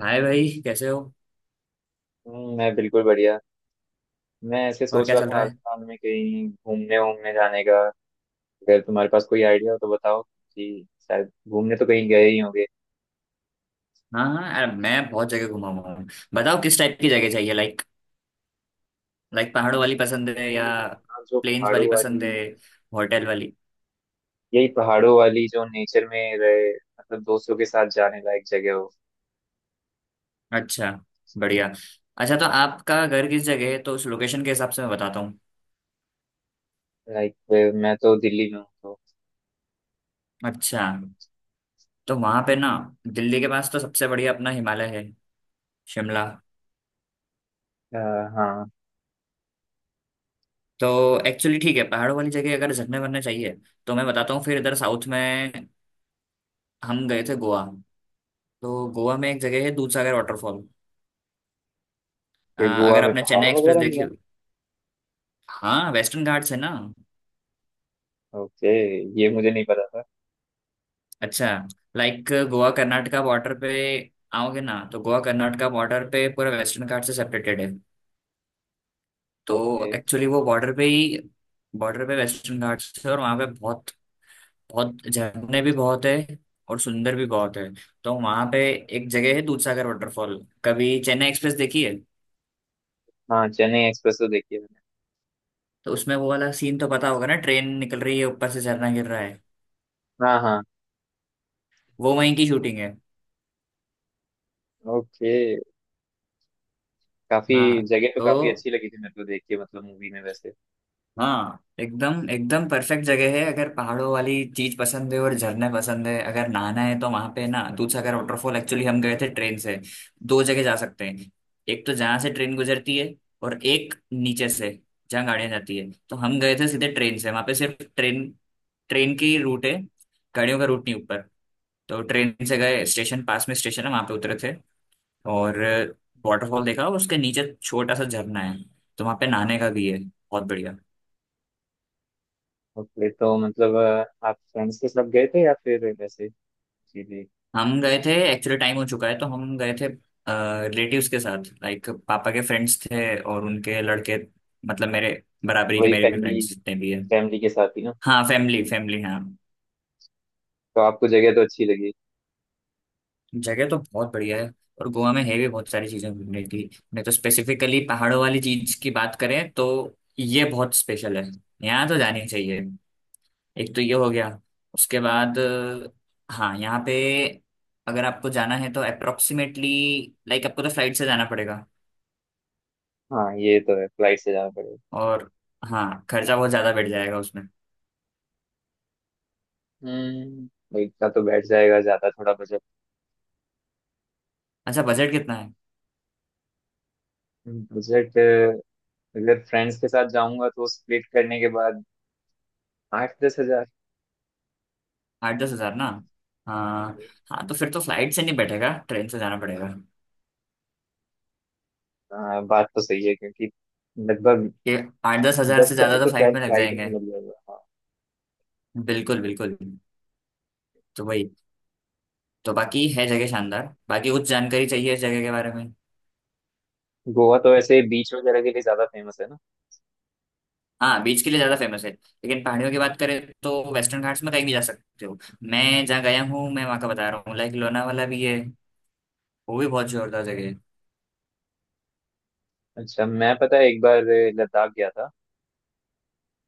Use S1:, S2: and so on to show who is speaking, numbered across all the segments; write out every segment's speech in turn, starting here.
S1: हाय भाई, कैसे हो?
S2: मैं बिल्कुल बढ़िया। मैं ऐसे
S1: और
S2: सोच
S1: क्या
S2: रहा
S1: चल
S2: था
S1: रहा
S2: हाल
S1: है?
S2: फिलहाल में कहीं घूमने वूमने जाने का। अगर तुम्हारे पास कोई आइडिया हो तो बताओ कि शायद घूमने तो कहीं गए ही होंगे।
S1: हाँ हाँ यार, मैं बहुत जगह घुमा हुआ हूँ। बताओ किस टाइप की जगह चाहिए। लाइक लाइक
S2: नहीं,
S1: पहाड़ों
S2: मैं
S1: वाली
S2: तो
S1: पसंद है
S2: ऐसे ही
S1: या
S2: नहीं गए। हाँ, जो
S1: प्लेन्स वाली
S2: पहाड़ों
S1: पसंद है,
S2: वाली।
S1: होटल वाली?
S2: यही पहाड़ों वाली जो नेचर में रहे मतलब दोस्तों के साथ जाने लायक जगह हो।
S1: अच्छा, बढ़िया। अच्छा, तो आपका घर किस जगह है? तो उस लोकेशन के हिसाब से मैं बताता हूँ।
S2: लाइक मैं तो दिल्ली में हूँ तो।
S1: अच्छा, तो वहाँ पे ना दिल्ली के पास तो सबसे बढ़िया अपना हिमालय है, शिमला।
S2: अ, हाँ।
S1: तो एक्चुअली ठीक है, पहाड़ों वाली जगह अगर झरने वरने चाहिए तो मैं बताता हूँ। फिर इधर साउथ में हम गए थे गोवा। तो गोवा में एक जगह है दूधसागर वाटरफॉल। अ,
S2: फिर गोवा
S1: अगर
S2: में
S1: आपने
S2: पहाड़
S1: चेन्नई एक्सप्रेस
S2: वगैरह भी
S1: देखी
S2: है?
S1: होगी, हाँ, वेस्टर्न घाट्स है ना।
S2: ओके। ये मुझे नहीं पता था।
S1: अच्छा, लाइक गोवा कर्नाटका बॉर्डर पे, आओगे ना तो गोवा कर्नाटका बॉर्डर पे पूरा वेस्टर्न घाट से सेपरेटेड है।
S2: ओके।
S1: तो एक्चुअली वो बॉर्डर पे ही, बॉर्डर पे वेस्टर्न घाट्स है और वहाँ पे बहुत बहुत झरने भी बहुत है और सुंदर भी बहुत है। तो वहाँ पे एक जगह है दूधसागर वाटरफॉल। कभी चेन्नई एक्सप्रेस देखी है
S2: हाँ चेन्नई एक्सप्रेस तो देखी है मैंने।
S1: तो उसमें वो वाला सीन तो पता होगा ना, ट्रेन निकल रही है ऊपर से झरना गिर रहा है।
S2: हाँ हाँ।
S1: वो वहीं की शूटिंग है।
S2: ओके। काफी
S1: हाँ
S2: जगह तो काफी
S1: तो
S2: अच्छी लगी थी मेरे को देख के, मतलब मूवी में वैसे।
S1: हाँ, एकदम एकदम परफेक्ट जगह है। अगर पहाड़ों वाली चीज पसंद है और झरने पसंद है, अगर नहाना है तो वहां पे ना दूधसागर वाटरफॉल। एक्चुअली हम गए थे ट्रेन से। दो जगह जा सकते हैं, एक तो जहाँ से ट्रेन गुजरती है और एक नीचे से जहाँ गाड़ियाँ जाती है। तो हम गए थे सीधे ट्रेन से। वहां पे सिर्फ ट्रेन ट्रेन की रूट है, गाड़ियों का रूट नहीं ऊपर। तो ट्रेन से गए, स्टेशन पास में स्टेशन है, वहां पे उतरे थे और वाटरफॉल देखा। और उसके नीचे छोटा सा झरना है तो वहां पे नहाने का भी है, बहुत बढ़िया।
S2: ओके तो मतलब आप फ्रेंड्स के साथ गए थे या फिर वैसे सीधे।
S1: हम गए थे एक्चुअली, टाइम हो चुका है, तो हम गए थे रिलेटिव्स के साथ। लाइक पापा के फ्रेंड्स थे और उनके लड़के, मतलब मेरे बराबरी के,
S2: वही
S1: मेरे भी
S2: फैमिली
S1: फ्रेंड्स जितने भी हैं।
S2: फैमिली के साथ ही ना।
S1: हाँ, फैमिली फैमिली, हाँ।
S2: तो आपको जगह तो अच्छी लगी।
S1: जगह तो बहुत बढ़िया है। और गोवा में है भी बहुत सारी चीजें घूमने की, नहीं तो स्पेसिफिकली पहाड़ों वाली चीज की बात करें तो ये बहुत स्पेशल है, यहाँ तो जानी चाहिए। एक तो ये हो गया। उसके बाद हाँ यहाँ पे, अगर आपको जाना है तो अप्रोक्सीमेटली, लाइक आपको तो फ्लाइट से जाना पड़ेगा।
S2: हाँ ये तो है, फ्लाइट से जाना पड़ेगा।
S1: और हाँ, खर्चा बहुत ज़्यादा बैठ जाएगा उसमें।
S2: हम्म। तो इतना तो बैठ जाएगा, ज्यादा थोड़ा बजट।
S1: अच्छा, बजट कितना है?
S2: बजट अगर फ्रेंड्स के साथ जाऊंगा तो स्प्लिट करने के बाद 8-10 हजार।
S1: 8-10 हज़ार ना? हाँ।
S2: हम्म।
S1: हाँ तो फिर तो फ्लाइट से नहीं बैठेगा, ट्रेन से जाना पड़ेगा।
S2: हाँ बात तो सही है, क्योंकि लगभग
S1: ये 8-10 हज़ार
S2: दस
S1: से
S2: हजार
S1: ज़्यादा तो
S2: तो
S1: फ्लाइट
S2: शायद
S1: में लग
S2: फ्लाइट में ही
S1: जाएंगे।
S2: लग जाएगा हाँ।
S1: बिल्कुल बिल्कुल। तो वही, तो बाकी है जगह शानदार। बाकी कुछ जानकारी चाहिए इस जगह के बारे में?
S2: गोवा तो वैसे बीच वगैरह के लिए ज्यादा फेमस है ना?
S1: हाँ, बीच के लिए ज़्यादा फेमस है लेकिन पहाड़ियों की बात करें तो वेस्टर्न घाट्स में कहीं भी जा सकते हो। मैं जहाँ गया हूँ मैं वहाँ का बता रहा हूँ, लाइक लोनावाला भी है, वो भी बहुत जोरदार जगह है।
S2: अच्छा, मैं पता है एक बार लद्दाख गया था।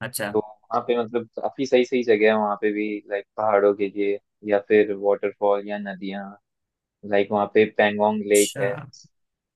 S1: अच्छा,
S2: तो वहाँ पे मतलब काफी सही सही जगह है, वहाँ पे भी लाइक पहाड़ों के लिए या फिर वाटरफॉल या नदियाँ। लाइक वहाँ पे पैंगोंग लेक
S1: अच्छा।
S2: है।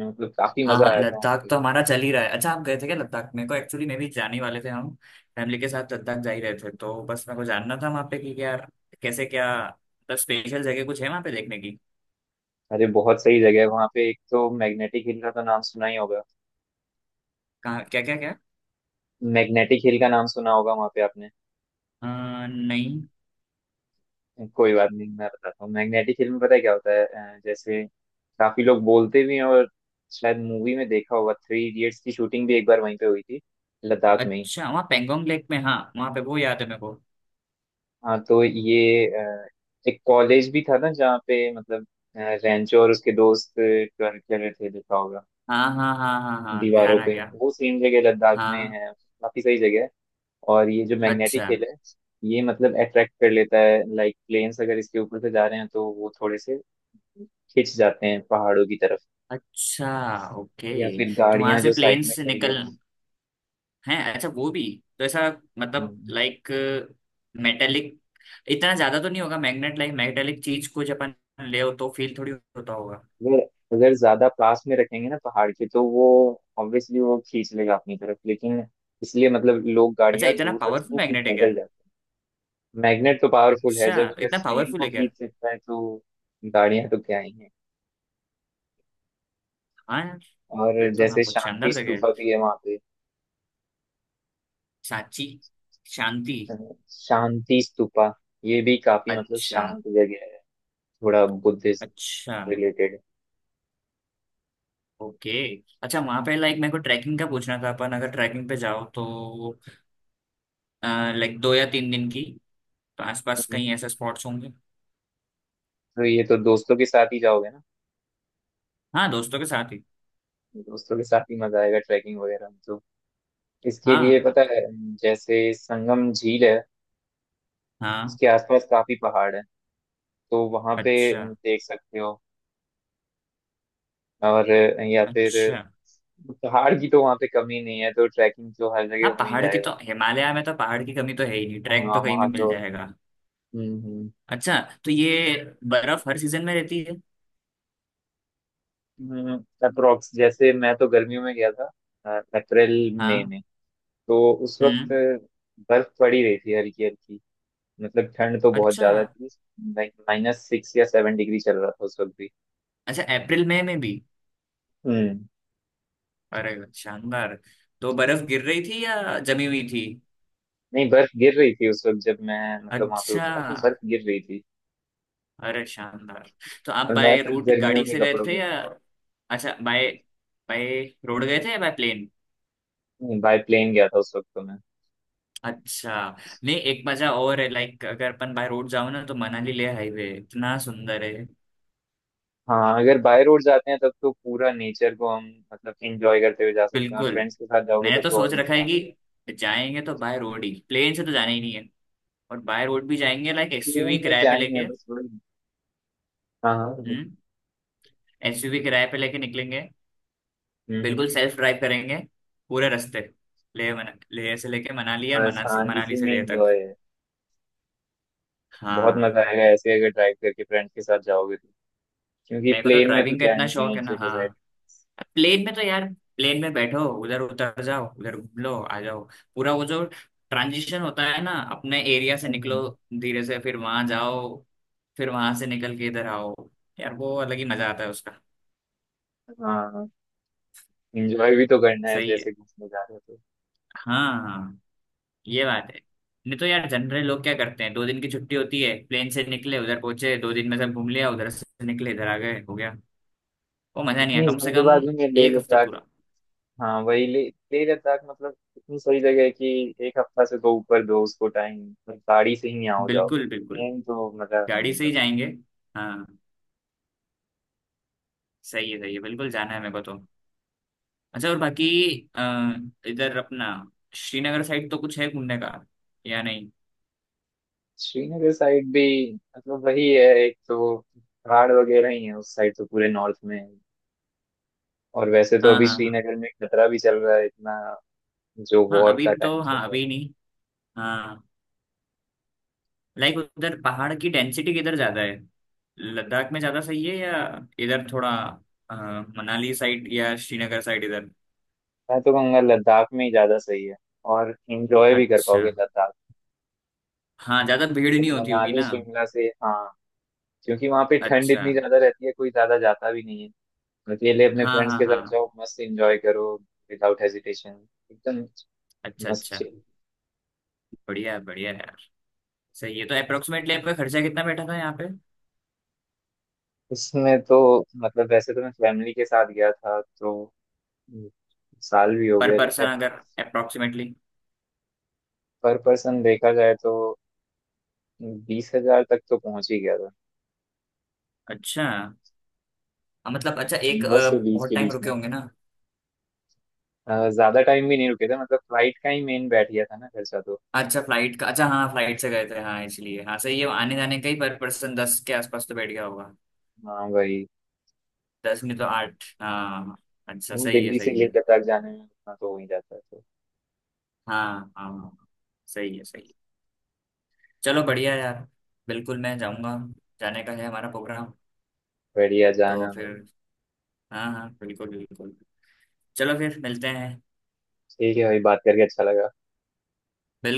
S2: मतलब काफी
S1: हाँ
S2: मजा
S1: हाँ,
S2: आया था वहाँ
S1: लद्दाख
S2: पे।
S1: तो हमारा चल ही रहा है। अच्छा, आप गए थे क्या लद्दाख? मेरे को एक्चुअली, मैं भी जाने वाले थे, हम फैमिली के साथ लद्दाख जा ही रहे थे, तो बस मेरे को जानना था वहाँ पे कि क्या, कैसे क्या, मतलब स्पेशल जगह कुछ है वहाँ पे देखने की?
S2: अरे बहुत सही जगह है वहाँ पे। एक तो मैग्नेटिक हिल का तो नाम सुना ही होगा।
S1: कहाँ, क्या क्या क्या?
S2: मैग्नेटिक हिल का नाम सुना होगा वहाँ पे आपने?
S1: नहीं।
S2: कोई बात नहीं, मैं बताता हूँ। मैग्नेटिक हिल में पता है क्या होता है। जैसे काफी लोग बोलते भी हैं और शायद मूवी में देखा होगा थ्री इडियट्स की शूटिंग भी एक बार वहीं पे हुई थी, लद्दाख में ही।
S1: अच्छा, वहाँ पेंगोंग लेक में, हाँ वहाँ पे, वो याद है मेरे को।
S2: हाँ तो ये एक कॉलेज भी था ना जहाँ पे मतलब अ, रेंचो और उसके दोस्त कर कर रहे थे, देखा होगा
S1: हाँ हाँ हाँ हाँ हाँ,
S2: दीवारों
S1: ध्यान आ
S2: पे।
S1: गया।
S2: वो सेम जगह लद्दाख में
S1: हाँ।
S2: है। काफी सही जगह है। और ये जो मैग्नेटिक
S1: अच्छा,
S2: हिल है, ये मतलब अट्रैक्ट कर लेता है। लाइक प्लेन्स अगर इसके ऊपर से जा रहे हैं तो वो थोड़े से खिंच जाते हैं पहाड़ों की तरफ।
S1: अच्छा, ओके।
S2: या फिर
S1: तो वहाँ
S2: गाड़ियां
S1: से
S2: जो साइड
S1: प्लेन
S2: में
S1: से
S2: खड़ी है
S1: निकल
S2: वो।
S1: हैं? अच्छा, वो भी? तो ऐसा, मतलब,
S2: हम्म।
S1: लाइक, मेटेलिक, इतना ज्यादा तो नहीं होगा मैग्नेट, लाइक मैग्नेटिक चीज को जब अपन ले हो तो फील थोड़ी होता होगा।
S2: अगर अगर ज्यादा पास में रखेंगे ना पहाड़ के तो वो ऑब्वियसली वो खींच लेगा अपनी तरफ, लेकिन इसलिए मतलब लोग
S1: अच्छा,
S2: गाड़ियां
S1: इतना
S2: दूर रखते
S1: पावरफुल
S2: हैं, फिर
S1: मैग्नेट है
S2: पैदल
S1: क्या?
S2: जाते हैं। मैग्नेट तो पावरफुल है,
S1: अच्छा,
S2: जब अगर
S1: इतना
S2: प्लेन
S1: पावरफुल
S2: को
S1: है क्या?
S2: खींच सकता है तो गाड़ियां तो क्या ही है।
S1: हाँ यार।
S2: और
S1: फिर तो हाँ,
S2: जैसे
S1: बहुत
S2: शांति
S1: शानदार जगह है।
S2: स्तूपा भी है वहां पे।
S1: सांची, शांति।
S2: तो शांति स्तूपा, ये भी काफी मतलब
S1: अच्छा,
S2: शांत जगह है। थोड़ा बुद्धिज्म
S1: अच्छा,
S2: रिलेटेड।
S1: ओके। अच्छा वहां पे, लाइक मेरे को ट्रैकिंग का पूछना था, अपन अगर ट्रैकिंग पे जाओ तो, लाइक 2 या 3 दिन की, तो आसपास कहीं ऐसे स्पॉट्स होंगे?
S2: तो ये तो दोस्तों के साथ ही जाओगे ना।
S1: हाँ, दोस्तों के साथ ही।
S2: दोस्तों के साथ ही मजा आएगा ट्रैकिंग वगैरह में तो। इसके
S1: हाँ
S2: लिए पता है, जैसे संगम झील है,
S1: हाँ।
S2: उसके आसपास काफी पहाड़ है, तो वहां पे
S1: अच्छा,
S2: देख सकते हो। और या फिर
S1: अच्छा।
S2: पहाड़ की तो वहां पे कमी नहीं है, तो ट्रैकिंग तो हर
S1: हाँ,
S2: जगह हो ही
S1: पहाड़ की
S2: जाएगा।
S1: तो हिमालय में तो पहाड़ की कमी तो है ही नहीं, ट्रैक
S2: हाँ
S1: तो कहीं भी
S2: वहाँ
S1: मिल
S2: तो।
S1: जाएगा।
S2: हम्म।
S1: अच्छा, तो ये बर्फ हर सीजन में रहती है?
S2: हम्म, अप्रोक्स जैसे मैं तो गर्मियों में गया था, अप्रैल मई
S1: हाँ।
S2: में। तो उस वक्त
S1: हम्म।
S2: बर्फ पड़ी रही थी हल्की हल्की, मतलब ठंड तो बहुत
S1: अच्छा,
S2: ज्यादा थी। लाइक -6 या 7 डिग्री चल रहा था उस वक्त भी।
S1: अच्छा, अप्रैल मई में भी?
S2: हम्म।
S1: अरे वाह, शानदार। तो बर्फ गिर रही थी या जमी हुई थी?
S2: नहीं बर्फ गिर रही थी उस वक्त। जब मैं मतलब वहां पे
S1: अच्छा,
S2: उतरा तो बर्फ गिर रही थी।
S1: अरे शानदार। तो आप
S2: और मैं
S1: बाय
S2: तक
S1: रूट
S2: गर्मियों
S1: गाड़ी
S2: के
S1: से गए
S2: कपड़ों
S1: थे
S2: में
S1: या?
S2: था।
S1: अच्छा, बाय, बाय रोड गए थे या बाय प्लेन?
S2: नहीं, बाय प्लेन गया था उस वक्त तो मैं।
S1: अच्छा। नहीं, एक मजा और है, लाइक अगर अपन बाय रोड जाओ ना तो मनाली ले हाईवे इतना सुंदर है।
S2: हाँ अगर बाय रोड जाते हैं तब तो पूरा नेचर को हम मतलब एंजॉय करते हुए जा सकते हैं, और
S1: बिल्कुल।
S2: फ्रेंड्स के साथ जाओगे
S1: मैंने
S2: तब
S1: तो
S2: तो
S1: सोच
S2: और
S1: रखा है
S2: मजा आ जाएगा।
S1: कि जाएंगे तो बाय रोड ही, प्लेन से तो जाना ही नहीं है। और बाय रोड भी जाएंगे, लाइक एसयूवी
S2: प्लेन में
S1: किराए
S2: क्या
S1: पे
S2: ही है,
S1: लेके।
S2: बस वही। हाँ हाँ हाँ।
S1: हम्म। एसयूवी किराए पे लेके निकलेंगे।
S2: हम्म हम्म।
S1: बिल्कुल सेल्फ ड्राइव करेंगे पूरे रास्ते। ले से लेके मनाली, और
S2: बस
S1: मनाली
S2: हाँ,
S1: मनाली
S2: इसी
S1: से
S2: में
S1: ले तक।
S2: एंजॉय है। बहुत
S1: हाँ।
S2: मजा आएगा ऐसे अगर ड्राइव करके फ्रेंड्स के साथ जाओगे तो, क्योंकि
S1: मेरे को तो
S2: प्लेन में तो
S1: ड्राइविंग का
S2: क्या
S1: इतना
S2: ही है,
S1: शौक
S2: एक
S1: है ना,
S2: जगह बैठ।
S1: हाँ। प्लेन में तो यार, प्लेन में बैठो, उधर उतर जाओ, उधर घूम लो, आ जाओ। पूरा वो जो ट्रांजिशन होता है ना, अपने एरिया से निकलो
S2: हम्म,
S1: धीरे से, फिर वहां जाओ, फिर वहां से निकल के इधर आओ, यार वो अलग ही मजा आता है उसका।
S2: हाँ हाँ। एंजॉय भी तो करना है
S1: सही है।
S2: जैसे घूमने जा रहे हो तो।
S1: हाँ हाँ, ये बात है। नहीं तो यार जनरल लोग क्या करते हैं, 2 दिन की छुट्टी होती है, प्लेन से निकले, उधर पहुंचे, 2 दिन में सब घूम लिया, उधर से निकले, इधर आ गए, हो गया। वो मजा नहीं आया
S2: इतनी
S1: कम से कम।
S2: जल्दबाजी में लेह
S1: एक हफ्ता
S2: लद्दाख।
S1: पूरा।
S2: हाँ वही। ले लेह लद्दाख मतलब इतनी सही जगह है कि एक हफ्ता से तो ऊपर दो उसको टाइम। मतलब गाड़ी से ही यहाँ हो जाओ,
S1: बिल्कुल बिल्कुल।
S2: ट्रेन तो मजा
S1: गाड़ी
S2: नहीं
S1: से
S2: है
S1: ही
S2: उसका।
S1: जाएंगे। हाँ, सही है सही है, बिल्कुल जाना है मेरे को तो। अच्छा, और बाकी अ, इधर अपना श्रीनगर साइड तो कुछ है घूमने का या नहीं?
S2: श्रीनगर साइड भी मतलब वही है। एक तो पहाड़ वगैरह ही है उस साइड तो, पूरे नॉर्थ में। और वैसे तो
S1: हाँ
S2: अभी
S1: हाँ हाँ।
S2: श्रीनगर में खतरा भी चल रहा है इतना, जो
S1: हाँ,
S2: वॉर
S1: अभी
S2: का टाइम
S1: तो,
S2: चल
S1: हाँ
S2: रहा है।
S1: अभी नहीं। हाँ, लाइक उधर पहाड़ की डेंसिटी किधर ज्यादा है? लद्दाख में ज्यादा सही है या इधर थोड़ा अ, मनाली साइड या श्रीनगर साइड, इधर?
S2: मैं तो कहूँगा लद्दाख में ही ज्यादा सही है, और इंजॉय भी कर
S1: अच्छा,
S2: पाओगे लद्दाख।
S1: हाँ ज्यादा भीड़ नहीं होती होगी
S2: मनाली
S1: ना।
S2: शिमला से, हाँ, क्योंकि वहां पे ठंड
S1: अच्छा।
S2: इतनी ज्यादा रहती है कोई ज्यादा जाता भी नहीं है। अकेले अपने
S1: हाँ
S2: फ्रेंड्स
S1: हाँ
S2: के साथ
S1: हाँ।
S2: जाओ, मस्त एंजॉय करो। Without hesitation. एकदम
S1: अच्छा,
S2: मस्त
S1: अच्छा।
S2: chill।
S1: बढ़िया है यार, सही है। तो अप्रोक्सीमेटली आपका खर्चा कितना बैठा था यहाँ पे?
S2: इसमें तो मतलब, वैसे तो मैं फैमिली के साथ गया था तो, साल भी हो
S1: पर
S2: गए।
S1: पर्सन अगर, अप्रोक्सीमेटली।
S2: पर पर्सन देखा जाए तो 20 हजार तक तो पहुंच ही गया था।
S1: अच्छा। मतलब, अच्छा, एक
S2: बस के बीच
S1: बहुत टाइम रुके
S2: में
S1: होंगे ना?
S2: ज्यादा टाइम भी नहीं रुके थे, मतलब फ्लाइट का ही मेन बैठ गया था ना खर्चा तो।
S1: अच्छा, फ्लाइट का, अच्छा हाँ, फ्लाइट से गए थे हाँ, इसलिए। हाँ सही है, आने जाने का ही पर पर्सन 10 के आसपास तो बैठ गया होगा।
S2: हाँ वही।
S1: दस में तो आठ, हाँ। अच्छा, सही है
S2: दिल्ली से
S1: सही है।
S2: लेकर तक जाने में उतना तो हो ही जाता है तो।
S1: हाँ हाँ, सही है सही है। चलो बढ़िया यार, बिल्कुल मैं जाऊंगा, जाने का है हमारा प्रोग्राम।
S2: बढ़िया,
S1: तो
S2: जाना भाई।
S1: फिर, हाँ हाँ बिल्कुल बिल्कुल, चलो फिर मिलते हैं।
S2: ठीक है भाई, बात करके अच्छा लगा।
S1: बिल्कुल।